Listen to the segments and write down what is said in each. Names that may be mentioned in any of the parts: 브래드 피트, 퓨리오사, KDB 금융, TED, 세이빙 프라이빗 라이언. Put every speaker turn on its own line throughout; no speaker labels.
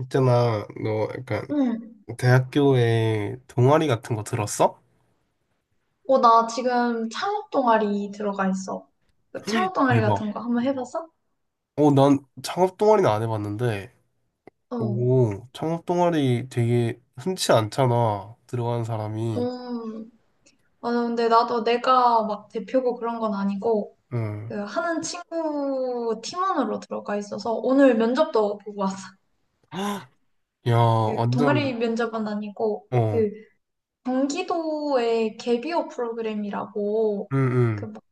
있잖아, 너 약간
응.
대학교에 동아리 같은 거 들었어?
나 지금 창업 동아리 들어가 있어. 그 창업 동아리
대박.
같은 거 한번 해봤어?
어, 난 창업 동아리는 안 해봤는데,
어.
오, 창업 동아리 되게 흔치 않잖아, 들어가는 사람이.
음. 아, 근데 나도 내가 막 대표고 그런 건 아니고,
응.
그 하는 친구 팀원으로 들어가 있어서 오늘 면접도 보고 왔어.
헉, 야,
그 동아리
완전,
면접은 아니고,
어,
경기도의 개비호 프로그램이라고, 그
응,
막,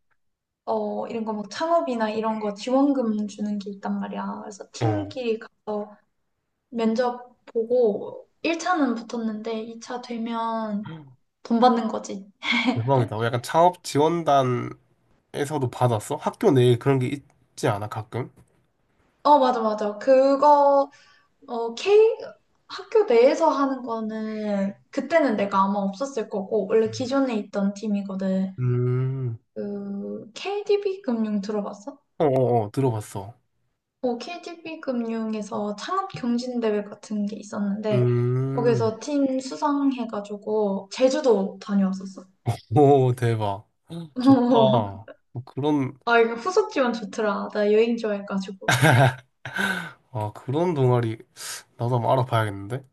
이런 거 막 창업이나 이런 거 지원금 주는 게 있단 말이야. 그래서
응, 어.
팀끼리 가서 면접 보고 1차는 붙었는데 2차 되면 돈 받는 거지.
대박이다. 어, 약간 창업 지원단에서도 받았어? 학교 내에 그런 게 있지 않아, 가끔?
어, 맞아, 맞아. 그거, 어, K, 학교 내에서 하는 거는 그때는 내가 아마 없었을 거고, 원래 기존에 있던 팀이거든.
음,
KDB 금융 들어봤어?
어, 어, 어, 들어봤어.
KDB 금융에서 창업 경진대회 같은 게 있었는데,
음.
거기서 팀 수상해가지고, 제주도 다녀왔었어.
오, 대박. 좋다. 뭐 그런,
아, 이거 후속 지원 좋더라. 나 여행 좋아해가지고.
아, 그런 동아리 나도 한번 알아봐야겠는데?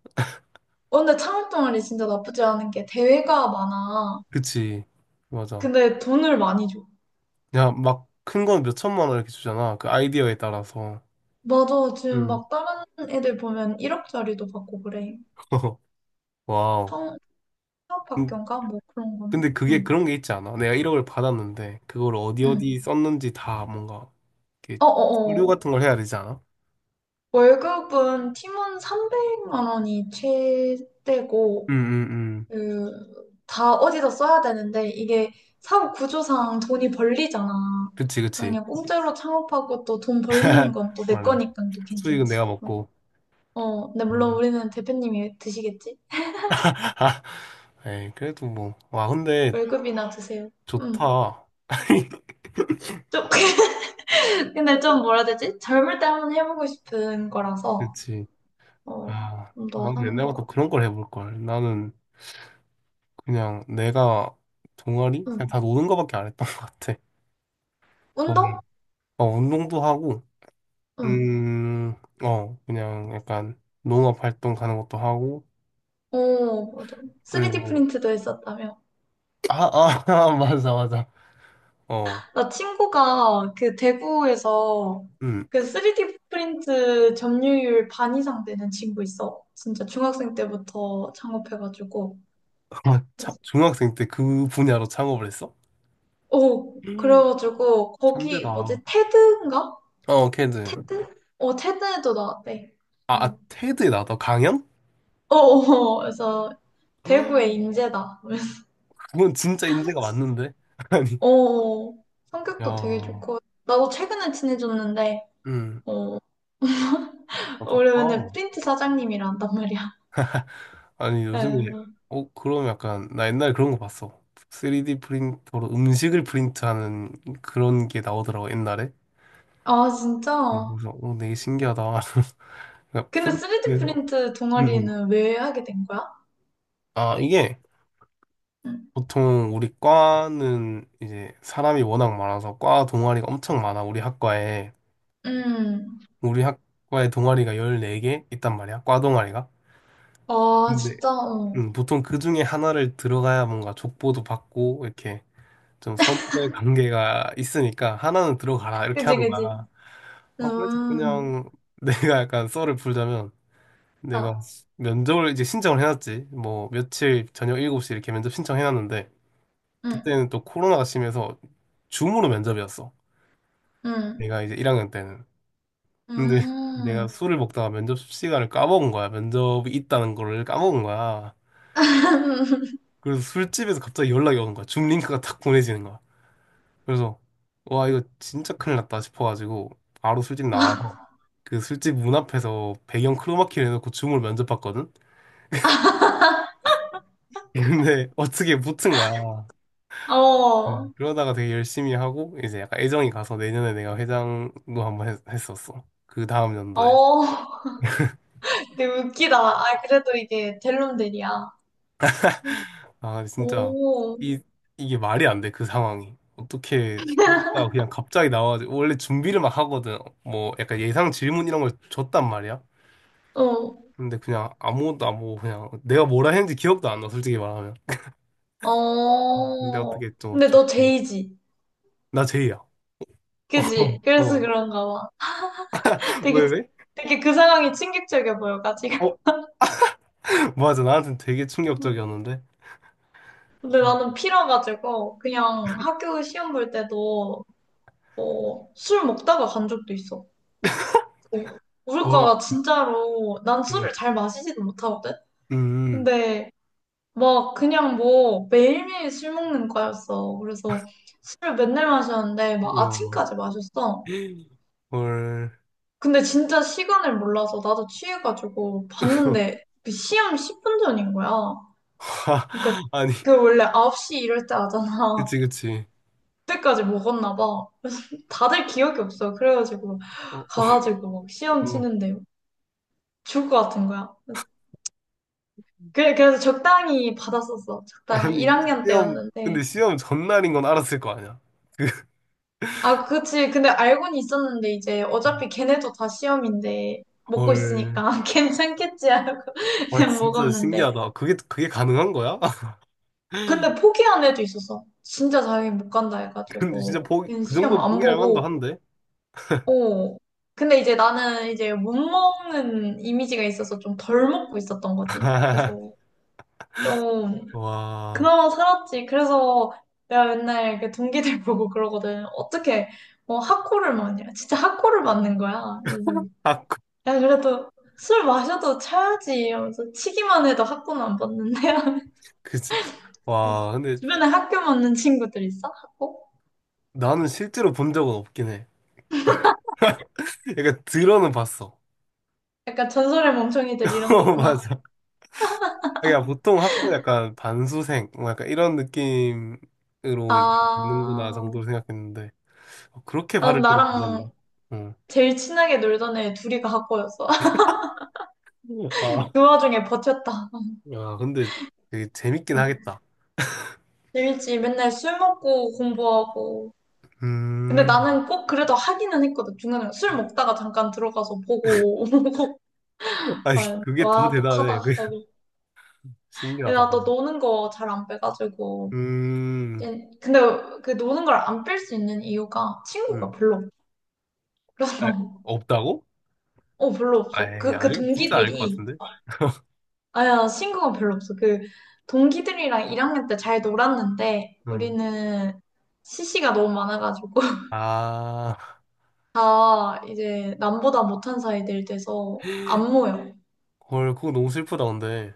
근데 창업동아리 진짜 나쁘지 않은 게 대회가 많아.
그치. 맞아.
근데 돈을 많이 줘.
야, 막 큰 건 몇 천만 원 이렇게 주잖아. 그 아이디어에 따라서.
맞아. 지금
음.
막 다른 애들 보면 1억짜리도 받고 그래.
와우.
창-
음,
창업학교인가? 뭐 그런 거는?
근데 그게
응.
그런 게 있지 않아? 내가 1억을 받았는데, 그걸 어디
응.
어디 썼는지 다 뭔가, 이렇게 서류
어어어.
같은 걸 해야 되지 않아?
월급은 팀원 300만 원이
음,
최대고,
음, 음.
그, 다 어디다 써야 되는데, 이게 사업 구조상 돈이 벌리잖아.
그치,
그러니까
그치.
그냥 공짜로 창업하고 또 돈 벌리는 건 또 내
맞아.
거니까 또
수익은
괜찮지.
내가
어.
먹고.
근데 물론
음.
우리는 대표님이 드시겠지?
아, 에이, 그래도 뭐. 와, 근데
월급이나 드세요. 음.
좋다.
좀, 근데 좀 뭐라 해야 되지? 젊을 때 한번 해보고 싶은 거라서,
그치.
어,
아,
좀 더
나도
하는
옛날부터
거.
그런 걸 해볼 걸. 나는 그냥 내가 동아리? 그냥
음.
다 노는 거밖에 안 했던 것 같아.
운동?
거기, 어, 운동도 하고,
음.
음, 어, 그냥 약간 농업 활동 가는 것도 하고,
오, 맞아. 3D
그리고,
프린트도 했었다며.
아, 아, 아, 맞아, 맞아. 어,
나 친구가 그 대구에서
음,
그 3D 프린트 점유율 반 이상 되는 친구 있어. 진짜 중학생 때부터 창업해가지고.
아, 참,
그래서
중학생 때 그 분야로 창업을 했어?
오,
음,
그래가지고
천재다.
거기
어,
뭐지? 테드인가?
캐드.
테드? 테드에도 나왔대.
아,
어,
아, 테드에 나왔다. 강연?
어, 어. 그래서 대구의 인재다. 그래서
그건 진짜 인재가 맞는데? 아니,
어, 성격도 되게
야,
좋고. 나도 최근에 친해졌는데,
음,
어,
아,
우리 맨날
좋다.
프린트 사장님이라 한단 말이야.
아니, 요즘에,
에.
어, 그럼 약간, 나 옛날에 그런 거 봤어. 3D 프린터로 음식을 프린트하는 그런 게 나오더라고, 옛날에.
아,
어,
진짜?
그래서, 어, 되게 신기하다. 그러니까
근데
프린트,
3D
음.
프린트
음.
동아리는 왜 하게 된 거야?
아, 이게,
음,
보통 우리 과는 이제 사람이 워낙 많아서 과 동아리가 엄청 많아, 우리 학과에.
음.
우리 학과에 동아리가 14개 있단 말이야, 과 동아리가.
아,
근데
진짜? 어.
보통 그 중에 하나를 들어가야 뭔가 족보도 받고 이렇게 좀 선후배 관계가 있으니까 하나는 들어가라 이렇게
그지,
하는
그지.
거야. 아, 그래서
음,
그냥 내가 약간 썰을 풀자면 내가
아,
면접을 이제 신청을 해놨지. 뭐 며칠 저녁 7시 이렇게 면접 신청해놨는데
음,
그때는 또 코로나가 심해서 줌으로 면접이었어.
음,
내가 이제 1학년 때는. 근데
음.
내가 술을 먹다가 면접 시간을 까먹은 거야. 면접이 있다는 거를 까먹은 거야. 그래서 술집에서 갑자기 연락이 오는 거야. 줌 링크가 탁 보내지는 거야. 그래서 와 이거 진짜 큰일 났다 싶어가지고 바로 술집 나와서 그 술집 문 앞에서 배경 크로마키를 해놓고 줌을 면접봤거든. 근데 어떻게 붙은 거야. 음.
어,
그러다가 되게 열심히 하고 이제 약간 애정이 가서 내년에 내가 회장도 한번 했었어. 그 다음 연도에.
어, 되게 웃기다. 아, 그래도 이게 델론들이야.
아 진짜
오,
이 이게 말이 안 돼 그 상황이. 어떻게 술집가 그냥 갑자기 나와가지고 원래 준비를 막 하거든. 뭐 약간 예상 질문 이런 걸 줬단 말이야.
어,
근데 그냥 아무것도 안 보고 그냥 내가 뭐라 했는지 기억도 안 나, 솔직히 말하면. 근데
어.
어떻게
근데 너
이렇게.
제이지.
나 제이야.
그지? 그래서
어,
그런가 봐. 되게,
왜, 왜?
되게 그 상황이 충격적이야 보여가지고.
어, 맞아. 나한테는 되게 충격적이었는데.
근데 나는 피라가지고 그냥 학교 시험 볼 때도 뭐술 먹다가 간 적도 있어. 우리
와,
과가 진짜로 난
예.
술을 잘 마시지도 못하거든?
음,
근데 막 그냥 뭐 매일매일 술 먹는 거였어. 그래서 술을 맨날 마셨는데 막
와,
아침까지 마셨어.
헐.
근데 진짜 시간을 몰라서 나도 취해가지고 봤는데 그 시험 10분 전인 거야. 그러니까
아니,
그 원래 9시 이럴 때 하잖아.
그치, 그치.
그때까지 먹었나 봐. 다들 기억이 없어. 그래가지고
어, 어,
가가지고 막 시험
어.
치는데 죽을 것 같은 거야. 그래서 적당히 받았었어. 적당히
아니,
1학년
시험, 근데
때였는데.
시험 전날인 건 알았을 거 아니야. 그,
아, 그치. 근데 알고는 있었는데, 이제 어차피 걔네도 다 시험인데, 먹고
헐.
있으니까 괜찮겠지 하고
와,
그냥
진짜
먹었는데.
신기하다. 그게, 그게 가능한 거야?
근데 포기한 애도 있었어. 진짜 자기 못 간다
근데 진짜
해가지고.
보기
그냥
그
시험
정도면
안
포기할 만도
보고,
한데.
어. 근데 이제 나는 이제 못 먹는 이미지가 있어서 좀 덜 먹고 있었던 거지. 그래서 좀,
와.
그나마 살았지. 그래서 내가 맨날 그 동기들 보고 그러거든. 어떻게, 학고를 맞냐. 진짜 학고를 맞는 거야. 그래서.
아, 그,
야, 그래도 술 마셔도 차야지 하면서 치기만 해도 학고는 안 봤는데.
그지. 와, 근데
주변에 학교 맞는 친구들 있어? 학고?
나는 실제로 본 적은 없긴 해. 약간 들어는 봤어.
약간 전설의 멍청이들 이런
어,
거구나.
맞아. 그러니까 보통 학교 약간 반수생, 뭐 약간 이런 느낌으로 이제 있는구나
아,
정도로 생각했는데, 어, 그렇게
난
바를 줄은
나랑
몰랐네. 응.
제일 친하게 놀던 애 둘이가 학고였어.
아,
그 와중에 버텼다.
야, 근데 되게 재밌긴 하겠다.
일지 맨날 술 먹고 공부하고. 근데
음,
나는 꼭 그래도 하기는 했거든. 중간에 술 먹다가 잠깐 들어가서 보고 오고.
아니,
아,
그게 더
와,
대단해.
똑하다.
그- 신기하다.
나도 노는 거 잘 안 빼가지고.
음,
예, 근데 그 노는 걸 안 뺄 수 있는 이유가 친구가
음.
별로 없어.
아,
그래서
없다고?
별로 없어.
아이,
그
아니, 진짜 아닐 것
동기들이
같은데?
아야 친구가 별로 없어. 그 동기들이랑 1학년 때 잘 놀았는데
응.
우리는 CC가 너무 많아가지고
아,
다 이제 남보다 못한 사이들 돼서 안 모여.
헐, 그거 너무 슬프다, 근데.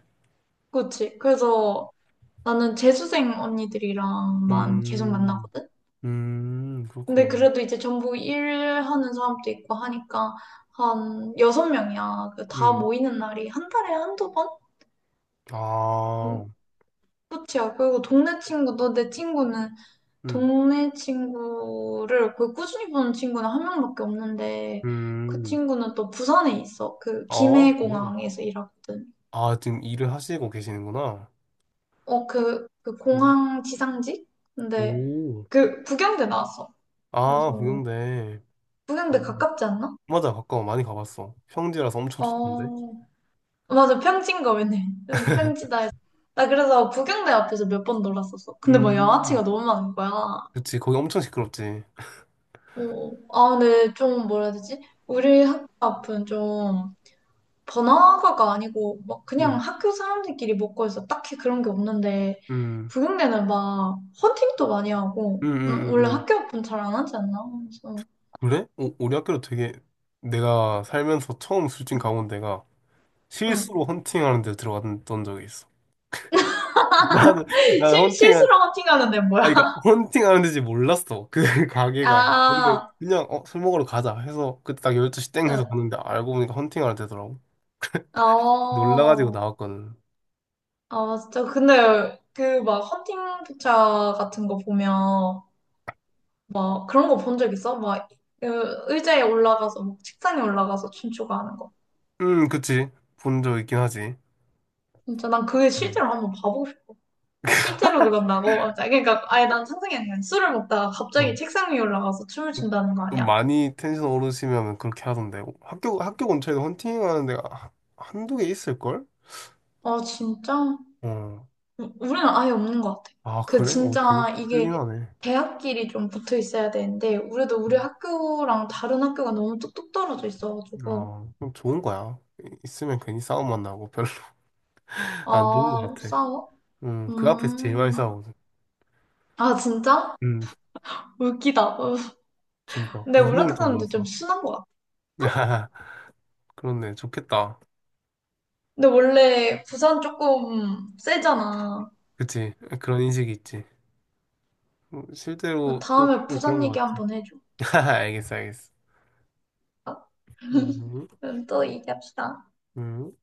그렇지. 그래서 나는 재수생 언니들이랑만 계속
음,
만나거든. 근데
그렇구나.
그래도 이제 전부 일하는 사람도 있고 하니까 한 여섯 명이야. 그다
음,
모이는 날이 한 달에 한두 번? 음,
아,
끝이야. 그리고 동네 친구도 내 친구는
음,
동네 친구를 거의 꾸준히 보는 친구는 한 명밖에 없는데 그
음,
친구는 또 부산에 있어. 그
아, 그래.
김해공항에서 일하거든.
아, 지금 일을 하시고 계시는구나.
그
음,
공항 지상직? 근데
오,
그 북경대 나왔어.
아,
그래서
동양대.
북경대
음,
가깝지 않나?
맞아, 가까워. 많이 가봤어. 평지라서 엄청 좋던데.
어. 맞아, 평지인 거 맨날. 좀 평지다 해서. 나 그래서 구경대 앞에서 몇 번 놀았었어. 근데 뭐
음,
양아치가 너무 많은 거야.
그치, 거기 엄청 시끄럽지.
아, 근데 좀 뭐라 해야 되지? 우리 학교 앞은 좀 번화가가 아니고 막 그냥
음,
학교 사람들끼리 먹고 해서 딱히 그런 게 없는데
음,
구경대는 막 헌팅도 많이 하고
음, 음,
원래
음.
학교 앞은 잘 안 하지 않나? 그래서
그래? 어, 우리 학교도 되게 내가 살면서 처음 술집 가본 데가 실수로
응.
헌팅하는 데 들어갔던 적이 있어. 나는 헌팅 아
실수로 헌팅하는데 뭐야?
그러니까 헌팅하는 데지 몰랐어. 그 가게가.
아,
근데 그냥 어, 술 먹으러 가자 해서 그때 딱 12시 땡
아,
해서
응.
갔는데 알고 보니까 헌팅하는 데더라고. 놀라가지고
어.
나왔거든.
아, 진짜. 근데 그 막 헌팅 기차 같은 거 보면 막 그런 거 본 적 있어? 막 그 의자에 올라가서 막 책상에 올라가서 춤추고 하는 거.
그치. 본 적 있긴 하지.
진짜 난 그게
음,
실제로 한번 봐보고 싶어. 실제로 그런다고? 아, 그러니까 아예 난 상상이 안 돼. 술을 먹다가 갑자기
음.
책상 위에 올라가서 춤을 춘다는 거
좀
아니야?
많이 텐션 오르시면 그렇게 하던데 학교 근처에도 헌팅하는 데가 한두 개 있을걸?
아, 진짜?
어.
우리는 아예 없는 것 같아.
아,
그
그래? 어, 되게
진짜 이게
클린하네.
대학끼리 좀 붙어 있어야 되는데 우리도 우리
음.
학교랑 다른 학교가 너무 뚝뚝 떨어져 있어가지고
아, 그럼 좋은 거야. 이- 있으면 괜히 싸움만 나고 별로 안 좋은 거
아,
같아.
싸워?
그 앞에서 제일
음.
많이 싸우거든.
아, 진짜?
음,
웃기다. 어.
진짜
근데
무서울 정도로
우리학교사람들 좀
싸워.
순한 것 같아. 응?
그렇네, 좋겠다.
근데 원래 부산 조금 세잖아.
그치? 그런 인식이 있지. 실제로 또
다음에
좀 그런
부산
거
얘기
같아.
한번 해줘.
알겠어, 알겠어. 음,
또 얘기합시다.
음.